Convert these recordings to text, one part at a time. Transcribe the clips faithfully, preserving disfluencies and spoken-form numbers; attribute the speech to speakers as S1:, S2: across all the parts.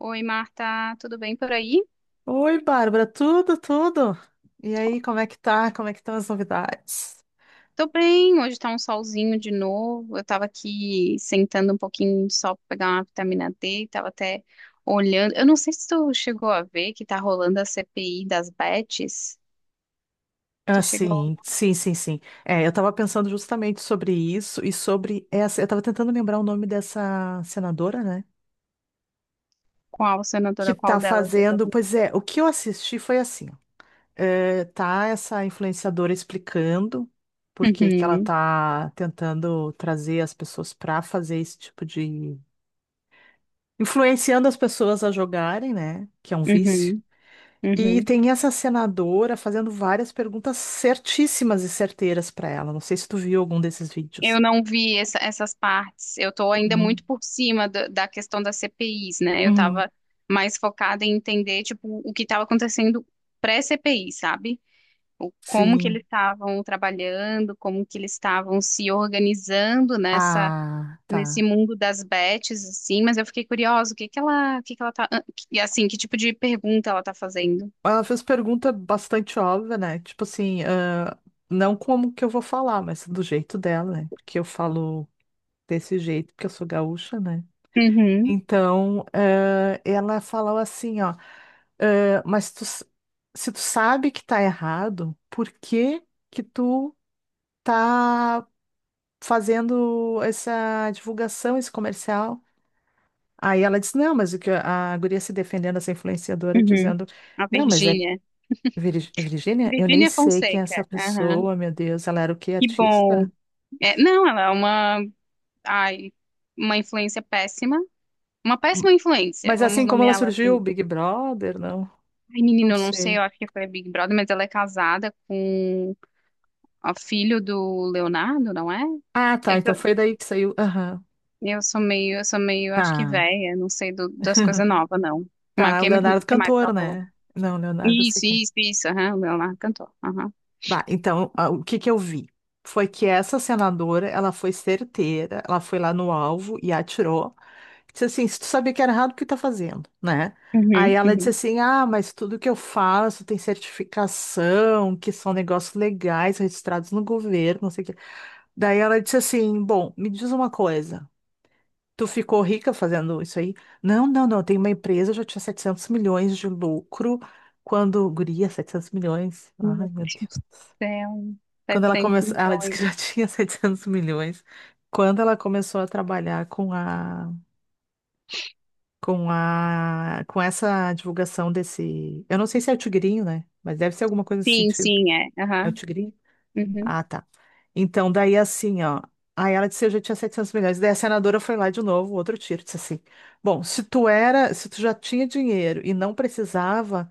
S1: Oi, Marta, tudo bem por aí?
S2: Oi, Bárbara, tudo, tudo? E aí, como é que tá? Como é que estão as novidades?
S1: Tô bem, hoje tá um solzinho de novo. Eu tava aqui sentando um pouquinho de sol pra pegar uma vitamina D, tava até olhando. Eu não sei se tu chegou a ver que tá rolando a C P I das bets.
S2: Ah,
S1: Tu chegou
S2: sim, sim, sim, sim. É, eu tava pensando justamente sobre isso e sobre essa. Eu tava tentando lembrar o nome dessa senadora, né?
S1: qual,
S2: Que
S1: senadora,
S2: tá
S1: qual delas,
S2: fazendo.
S1: exatamente?
S2: Pois é, o que eu assisti foi assim: ó, é, tá essa influenciadora explicando por que que ela
S1: Uhum,
S2: tá tentando trazer as pessoas pra fazer esse tipo de. Influenciando as pessoas a jogarem, né? Que é um vício.
S1: uhum,
S2: E
S1: uhum.
S2: tem essa senadora fazendo várias perguntas certíssimas e certeiras para ela. Não sei se tu viu algum desses vídeos.
S1: Eu não vi essa- essas partes. Eu tô ainda
S2: Uhum,
S1: muito por cima da da questão das C P Is, né? Eu
S2: uhum.
S1: tava mais focada em entender, tipo, o que estava acontecendo pré-C P I, sabe? O- como que eles
S2: Sim.
S1: estavam trabalhando, como que eles estavam se organizando nessa
S2: Ah,
S1: nesse
S2: tá.
S1: mundo das bets assim, mas eu fiquei curiosa, o que que ela, o que que ela tá, ah, que- e assim, que tipo de pergunta ela tá fazendo?
S2: Ela fez pergunta bastante óbvia, né? Tipo assim, ah, não como que eu vou falar, mas do jeito dela, né? Porque eu falo desse jeito, porque eu sou gaúcha, né?
S1: Uhum,
S2: Então, ah, ela falou assim, ó, ah, mas tu, s- se tu sabe que tá errado, por que que tu tá. fazendo essa divulgação, esse comercial. Aí ela disse, não, mas o que a guria se defendendo, essa influenciadora,
S1: uhum.
S2: dizendo,
S1: A
S2: não, mas é
S1: Virgínia.
S2: Vir- é Virgínia, eu nem
S1: Virgínia
S2: sei quem é
S1: Fonseca.
S2: essa
S1: Aham.
S2: pessoa, meu Deus, ela era o quê,
S1: Que
S2: artista?
S1: bom. É, não, ela é uma, ai, uma influência péssima. Uma
S2: Hum.
S1: péssima influência,
S2: Mas
S1: vamos
S2: assim como ela
S1: nomeá-la
S2: surgiu,
S1: assim.
S2: Big Brother, não,
S1: Ai,
S2: não
S1: menino, eu não sei,
S2: sei.
S1: eu acho que foi a Big Brother, mas ela é casada com ó, filho do Leonardo, não é?
S2: Ah,
S1: É
S2: tá,
S1: que
S2: então
S1: eu,
S2: foi daí que saiu, aham,
S1: eu sou meio, eu sou meio, acho que
S2: tá.
S1: velha, não sei do- das coisas novas, não. Mas o
S2: Tá, o
S1: que, o
S2: Leonardo
S1: que mais que
S2: cantor,
S1: ela falou?
S2: né? Não, Leonardo eu
S1: Isso,
S2: sei quem é.
S1: isso, isso, aham, o Leonardo cantou. Aham.
S2: Bah, então, ah, o que que eu vi? Foi que essa senadora, ela foi certeira, ela foi lá no alvo e atirou. Disse assim, se tu sabia que era errado, o que tá fazendo, né? Aí
S1: Uhum,
S2: ela disse
S1: uhum.
S2: assim, ah, mas tudo que eu faço tem certificação, que são negócios legais, registrados no governo, não sei o quê. Daí ela disse assim, bom, me diz uma coisa, tu ficou rica fazendo isso aí? Não, não, não, eu Tenho uma empresa, eu já tinha setecentos milhões de lucro, quando, guria, setecentos milhões,
S1: Meu
S2: ai meu
S1: Deus do
S2: Deus.
S1: céu,
S2: Quando ela
S1: setecentos
S2: começou, ela disse que já
S1: milhões.
S2: tinha setecentos milhões. Quando ela começou a trabalhar com a, com a, com essa divulgação desse, eu não sei se é o tigrinho, né? Mas deve ser alguma coisa nesse
S1: Sim,
S2: sentido.
S1: sim, é.
S2: É o
S1: Aham.
S2: tigrinho?
S1: Uhum.
S2: Ah, tá. Então, daí assim, ó. Aí ela disse, eu já tinha setecentos milhões. Daí a senadora foi lá de novo, outro tiro, disse assim: "Bom, se tu era, se tu já tinha dinheiro e não precisava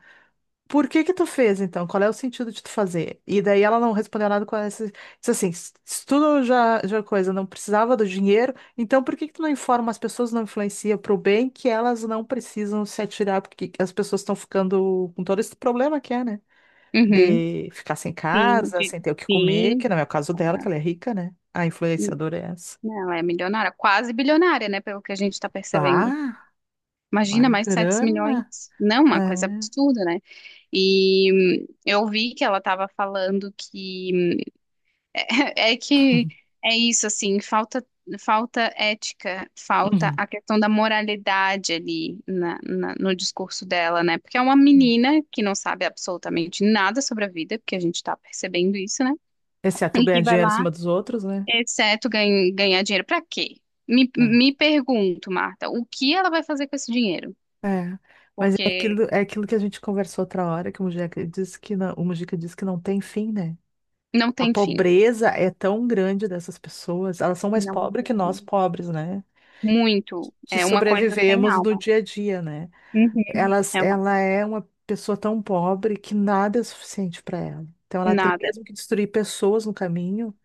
S2: por que que tu fez então? Qual é o sentido de tu fazer? E daí ela não respondeu nada com essa. Disse assim: "S- estudo já, já coisa, não precisava do dinheiro, então por que que tu não informa as pessoas, não influencia pro bem que elas não precisam se atirar, porque as pessoas estão ficando com todo esse problema que é, né?
S1: Uhum.
S2: De ficar sem
S1: Sim,
S2: casa,
S1: de-
S2: sem ter o que comer,
S1: sim.
S2: que não é o caso dela, que
S1: Aham.
S2: ela é rica, né? A influenciadora é essa.
S1: Não, ela é milionária, quase bilionária, né? Pelo que a gente tá percebendo.
S2: Tá, uma
S1: Imagina mais sete milhões.
S2: grana.
S1: Não, uma coisa
S2: É.
S1: absurda, né? E hum, eu vi que ela estava falando que é que é isso assim, falta falta ética, falta
S2: Uhum.
S1: a questão da moralidade ali na- na- no discurso dela, né? Porque é uma menina que não sabe absolutamente nada sobre a vida, porque a gente está percebendo isso, né?
S2: Exceto
S1: E
S2: ganhar
S1: que vai
S2: dinheiro em
S1: lá,
S2: cima dos outros, né?
S1: exceto gan- ganhar dinheiro, para quê? Me, me pergunto, Marta, o que ela vai fazer com esse dinheiro?
S2: É, mas é
S1: Porque
S2: aquilo, é aquilo que a gente conversou outra hora, que o Mujica disse que não, o Mujica disse que não tem fim, né?
S1: não
S2: A
S1: tem fim.
S2: pobreza é tão grande dessas pessoas, elas são mais
S1: Não
S2: pobres
S1: tem
S2: que nós
S1: fim.
S2: pobres, né?
S1: Muito.
S2: Que
S1: É uma coisa sem
S2: sobrevivemos no
S1: alma.
S2: dia a dia, né?
S1: Uhum.
S2: Elas,
S1: É uma
S2: ela é uma pessoa tão pobre que nada é suficiente para ela. Então ela tem
S1: nada.
S2: mesmo que destruir pessoas no caminho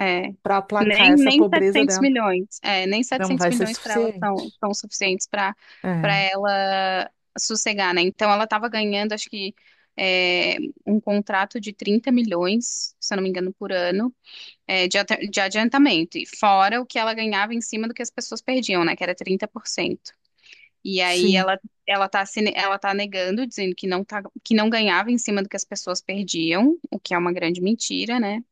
S1: É.
S2: para aplacar
S1: Nem,
S2: essa
S1: nem
S2: pobreza
S1: setecentos
S2: dela.
S1: milhões. É, nem
S2: Não
S1: setecentos
S2: vai ser
S1: milhões para ela são,
S2: suficiente.
S1: são suficientes para para
S2: É,
S1: ela sossegar, né? Então ela estava ganhando, acho que é, um contrato de trinta milhões, se eu não me engano, por ano, é, de, ata- de adiantamento. E fora o que ela ganhava em cima do que as pessoas perdiam, né? Que era trinta por cento. E aí
S2: sim,
S1: ela ela tá se ne- ela tá negando, dizendo que não tá, que não ganhava em cima do que as pessoas perdiam, o que é uma grande mentira, né?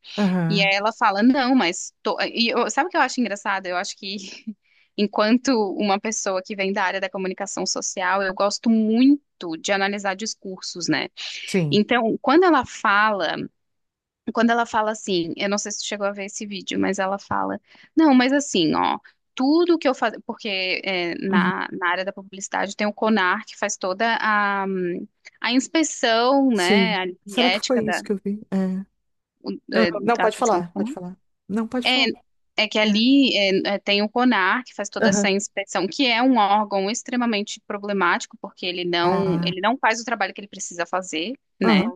S1: E aí
S2: aham,
S1: ela fala, não, mas tô. E eu- sabe o que eu acho engraçado? Eu acho que enquanto uma pessoa que vem da área da comunicação social, eu gosto muito de analisar discursos, né?
S2: sim.
S1: Então, quando ela fala, quando ela fala assim, eu não sei se tu chegou a ver esse vídeo, mas ela fala, não, mas assim, ó, tudo que eu faço, porque é,
S2: Uhum.
S1: na, na área da publicidade tem o CONAR que faz toda a, hum, a inspeção, né,
S2: Sim.
S1: a
S2: Será que
S1: ética
S2: foi isso
S1: da,
S2: que eu vi? É.
S1: o- é,
S2: Aham. Não,
S1: da
S2: pode
S1: questão do
S2: falar, pode
S1: CONAR.
S2: falar. Não, pode
S1: É,
S2: falar.
S1: é que
S2: É.
S1: ali é, é, tem o CONAR, que faz toda
S2: Aham.
S1: essa inspeção, que é um órgão extremamente problemático, porque ele não,
S2: Ah,
S1: ele não faz o trabalho que ele precisa fazer, né?
S2: aham,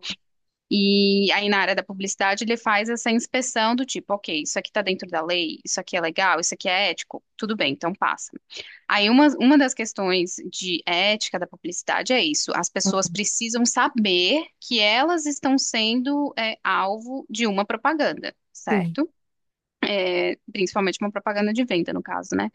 S1: E aí na área da publicidade ele faz essa inspeção do tipo, ok, isso aqui tá dentro da lei, isso aqui é legal, isso aqui é ético, tudo bem, então passa. Aí uma, uma das questões de ética da publicidade é isso, as pessoas
S2: aham,
S1: precisam saber que elas estão sendo é, alvo de uma propaganda,
S2: sim.
S1: certo? é, principalmente uma propaganda de venda, no caso, né?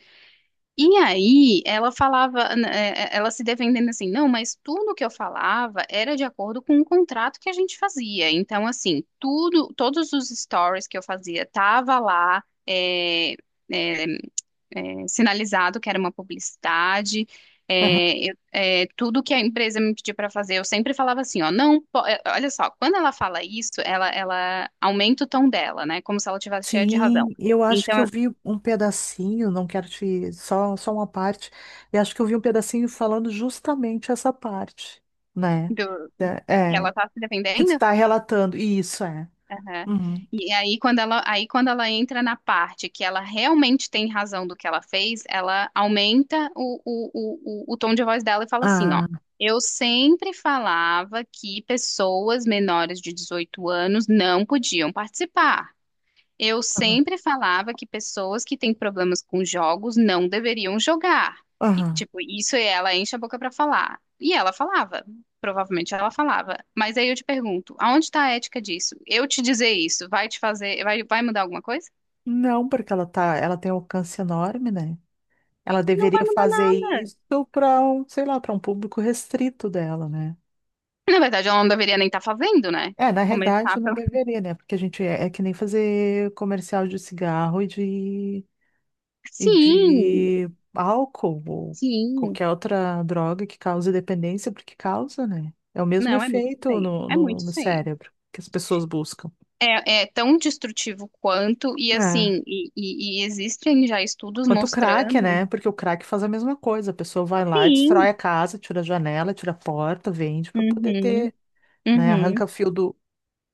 S1: E aí ela falava, né, ela se defendendo assim, não, mas tudo que eu falava era de acordo com o contrato que a gente fazia. Então, assim, tudo, todos os stories que eu fazia tava lá, é, é, é, sinalizado que era uma publicidade.
S2: Aham.
S1: É, eu- é, tudo que a empresa me pedia para fazer, eu sempre falava assim, ó, não, po- é, olha só, quando ela fala isso, ela, ela aumenta o tom dela, né? Como se ela tivesse cheia de razão.
S2: Sim, eu acho que eu
S1: Então
S2: vi um pedacinho, não quero te, só, só uma parte, eu acho que eu vi um pedacinho falando justamente essa parte, né?
S1: do- que
S2: Da-
S1: ela
S2: É,
S1: tá se
S2: que tu
S1: defendendo?
S2: tá relatando, e isso é.
S1: Aham.
S2: Uhum.
S1: E aí quando ela, aí quando ela entra na parte que ela realmente tem razão do que ela fez, ela aumenta o, o, o, o, o tom de voz dela e fala assim, ó.
S2: Ah,
S1: Eu sempre falava que pessoas menores de dezoito anos não podiam participar. Eu
S2: aham,
S1: sempre falava que pessoas que têm problemas com jogos não deveriam jogar. E,
S2: aham.
S1: tipo, isso ela enche a boca pra falar. E ela falava. Provavelmente ela falava. Mas aí eu te pergunto, aonde tá a ética disso? Eu te dizer isso, vai te fazer, vai, vai mudar alguma coisa?
S2: Não, porque ela tá, ela tem um alcance enorme, né? Ela
S1: Não vai
S2: deveria
S1: mudar
S2: fazer
S1: nada.
S2: isso para um, sei lá, para um público restrito dela, né?
S1: Na verdade, ela não deveria nem estar fazendo, né?
S2: É, na realidade
S1: Começar
S2: não
S1: pelo.
S2: deveria, né? Porque a gente é, é que nem fazer comercial de cigarro e de, e
S1: Sim,
S2: de álcool ou
S1: sim.
S2: qualquer outra droga que cause dependência, porque causa, né? É o mesmo
S1: Não, é muito
S2: efeito
S1: feio.
S2: no,
S1: É
S2: no,
S1: muito
S2: no
S1: feio.
S2: cérebro que as pessoas buscam.
S1: É, é tão destrutivo quanto, e
S2: É.
S1: assim, e, e- e existem já estudos
S2: Quanto o crack,
S1: mostrando.
S2: né? Porque o crack faz a mesma coisa. A pessoa vai lá, destrói
S1: Sim.
S2: a casa, tira a janela, tira a porta, vende para poder
S1: Uhum,
S2: ter né?
S1: uhum.
S2: Arranca fio do,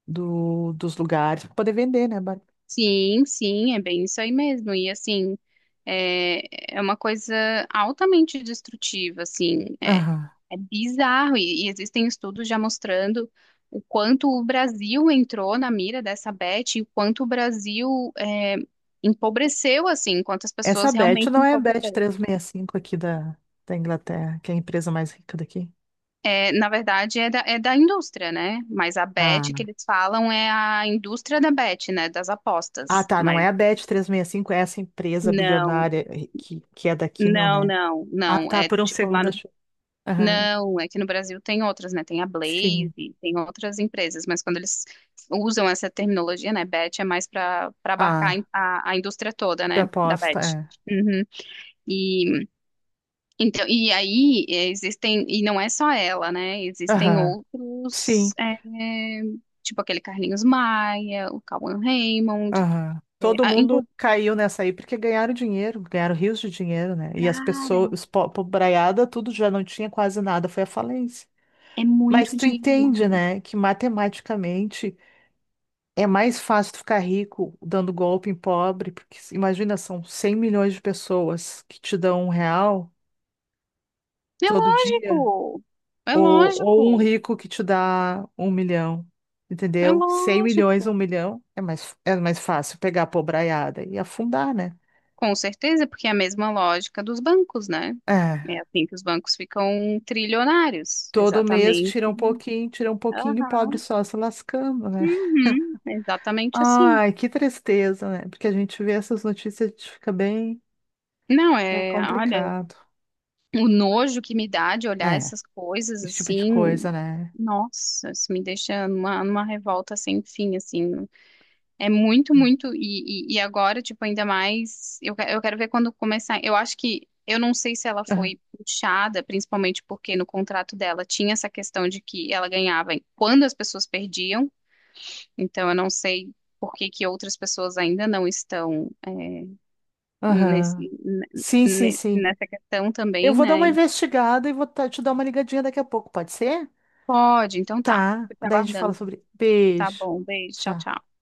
S2: do, dos lugares para poder vender, né, Bárbara?
S1: Sim, sim, é bem isso aí mesmo. E assim, é, é uma coisa altamente destrutiva, assim, é,
S2: Aham.
S1: é bizarro. E, e existem estudos já mostrando o quanto o Brasil entrou na mira dessa Beth e o quanto o Brasil é, empobreceu, assim, quantas
S2: Essa
S1: pessoas
S2: Bet
S1: realmente
S2: não é a Bet
S1: empobreceram.
S2: trezentos e sessenta e cinco aqui da, da Inglaterra, que é a empresa mais rica daqui.
S1: É, na verdade, é da, é da indústria, né? Mas a
S2: Ah,
S1: bet que eles falam é a indústria da bet, né? Das
S2: ah,
S1: apostas.
S2: tá, não
S1: Mas
S2: é a Bet trezentos e sessenta e cinco, é essa empresa
S1: não,
S2: bilionária eh, que, que é daqui, não,
S1: não,
S2: né?
S1: não,
S2: Ah,
S1: não.
S2: tá,
S1: É
S2: por um
S1: tipo lá
S2: segundo
S1: no.
S2: achei. Aham,
S1: Não, é que no Brasil tem outras, né? Tem a Blaze,
S2: sim.
S1: tem outras empresas, mas quando eles usam essa terminologia, né? Bet é mais para para abarcar
S2: Ah,
S1: a, a indústria toda,
S2: de
S1: né? Da
S2: aposta,
S1: bet.
S2: é.
S1: Uhum. E Então, e aí é, existem, e não é só ela, né? Existem
S2: Aham, sim,
S1: outros, é, tipo aquele Carlinhos Maia, o Cauan Raymond.
S2: aham.
S1: É,
S2: Todo
S1: a-
S2: mundo
S1: inclu-
S2: caiu nessa aí porque ganharam dinheiro, ganharam rios de dinheiro, né? E as
S1: cara,
S2: pessoas, os po- pobraiada, tudo já não tinha quase nada, foi a falência.
S1: é
S2: Mas
S1: muito
S2: tu
S1: dinheiro,
S2: entende,
S1: Marta.
S2: né, que matematicamente é mais fácil tu ficar rico dando golpe em pobre, porque se- imagina, são cem milhões de pessoas que te dão um real
S1: É
S2: todo dia,
S1: lógico, é
S2: ou, ou um
S1: lógico,
S2: rico que te dá um milhão,
S1: é
S2: entendeu? Cem milhões, um
S1: lógico.
S2: milhão, é mais, é mais fácil pegar a pobraiada e afundar, né?
S1: Com certeza, porque é a mesma lógica dos bancos, né?
S2: É.
S1: É assim que os bancos ficam trilionários,
S2: Todo mês
S1: exatamente.
S2: tira um pouquinho, tira um pouquinho, e o pobre
S1: Aham.
S2: só se lascando, né?
S1: Uhum, exatamente assim.
S2: Ai, que tristeza, né? Porque a gente vê essas notícias, a gente fica bem.
S1: Não,
S2: É
S1: é, olha.
S2: complicado.
S1: O nojo que me dá de olhar
S2: É,
S1: essas coisas
S2: esse tipo de
S1: assim,
S2: coisa, né?
S1: nossa, isso me deixa numa, numa revolta sem fim, assim. É muito, muito. E, e, e agora, tipo, ainda mais. Eu, que- eu quero ver quando começar. Eu acho que. Eu não sei se ela
S2: Aham.
S1: foi puxada, principalmente porque no contrato dela tinha essa questão de que ela ganhava quando as pessoas perdiam. Então, eu não sei por que que outras pessoas ainda não estão, é, nesse,
S2: Aham.
S1: ne-
S2: Sim, sim,
S1: ne-
S2: sim.
S1: nessa questão
S2: Eu
S1: também,
S2: vou dar
S1: né?
S2: uma investigada e vou ta- te dar uma ligadinha daqui a pouco, pode ser?
S1: Pode, então tá.
S2: Tá.
S1: Fico te
S2: Daí a gente fala
S1: aguardando.
S2: sobre.
S1: Tá
S2: Beijo.
S1: bom, beijo, tchau,
S2: Tchau.
S1: tchau.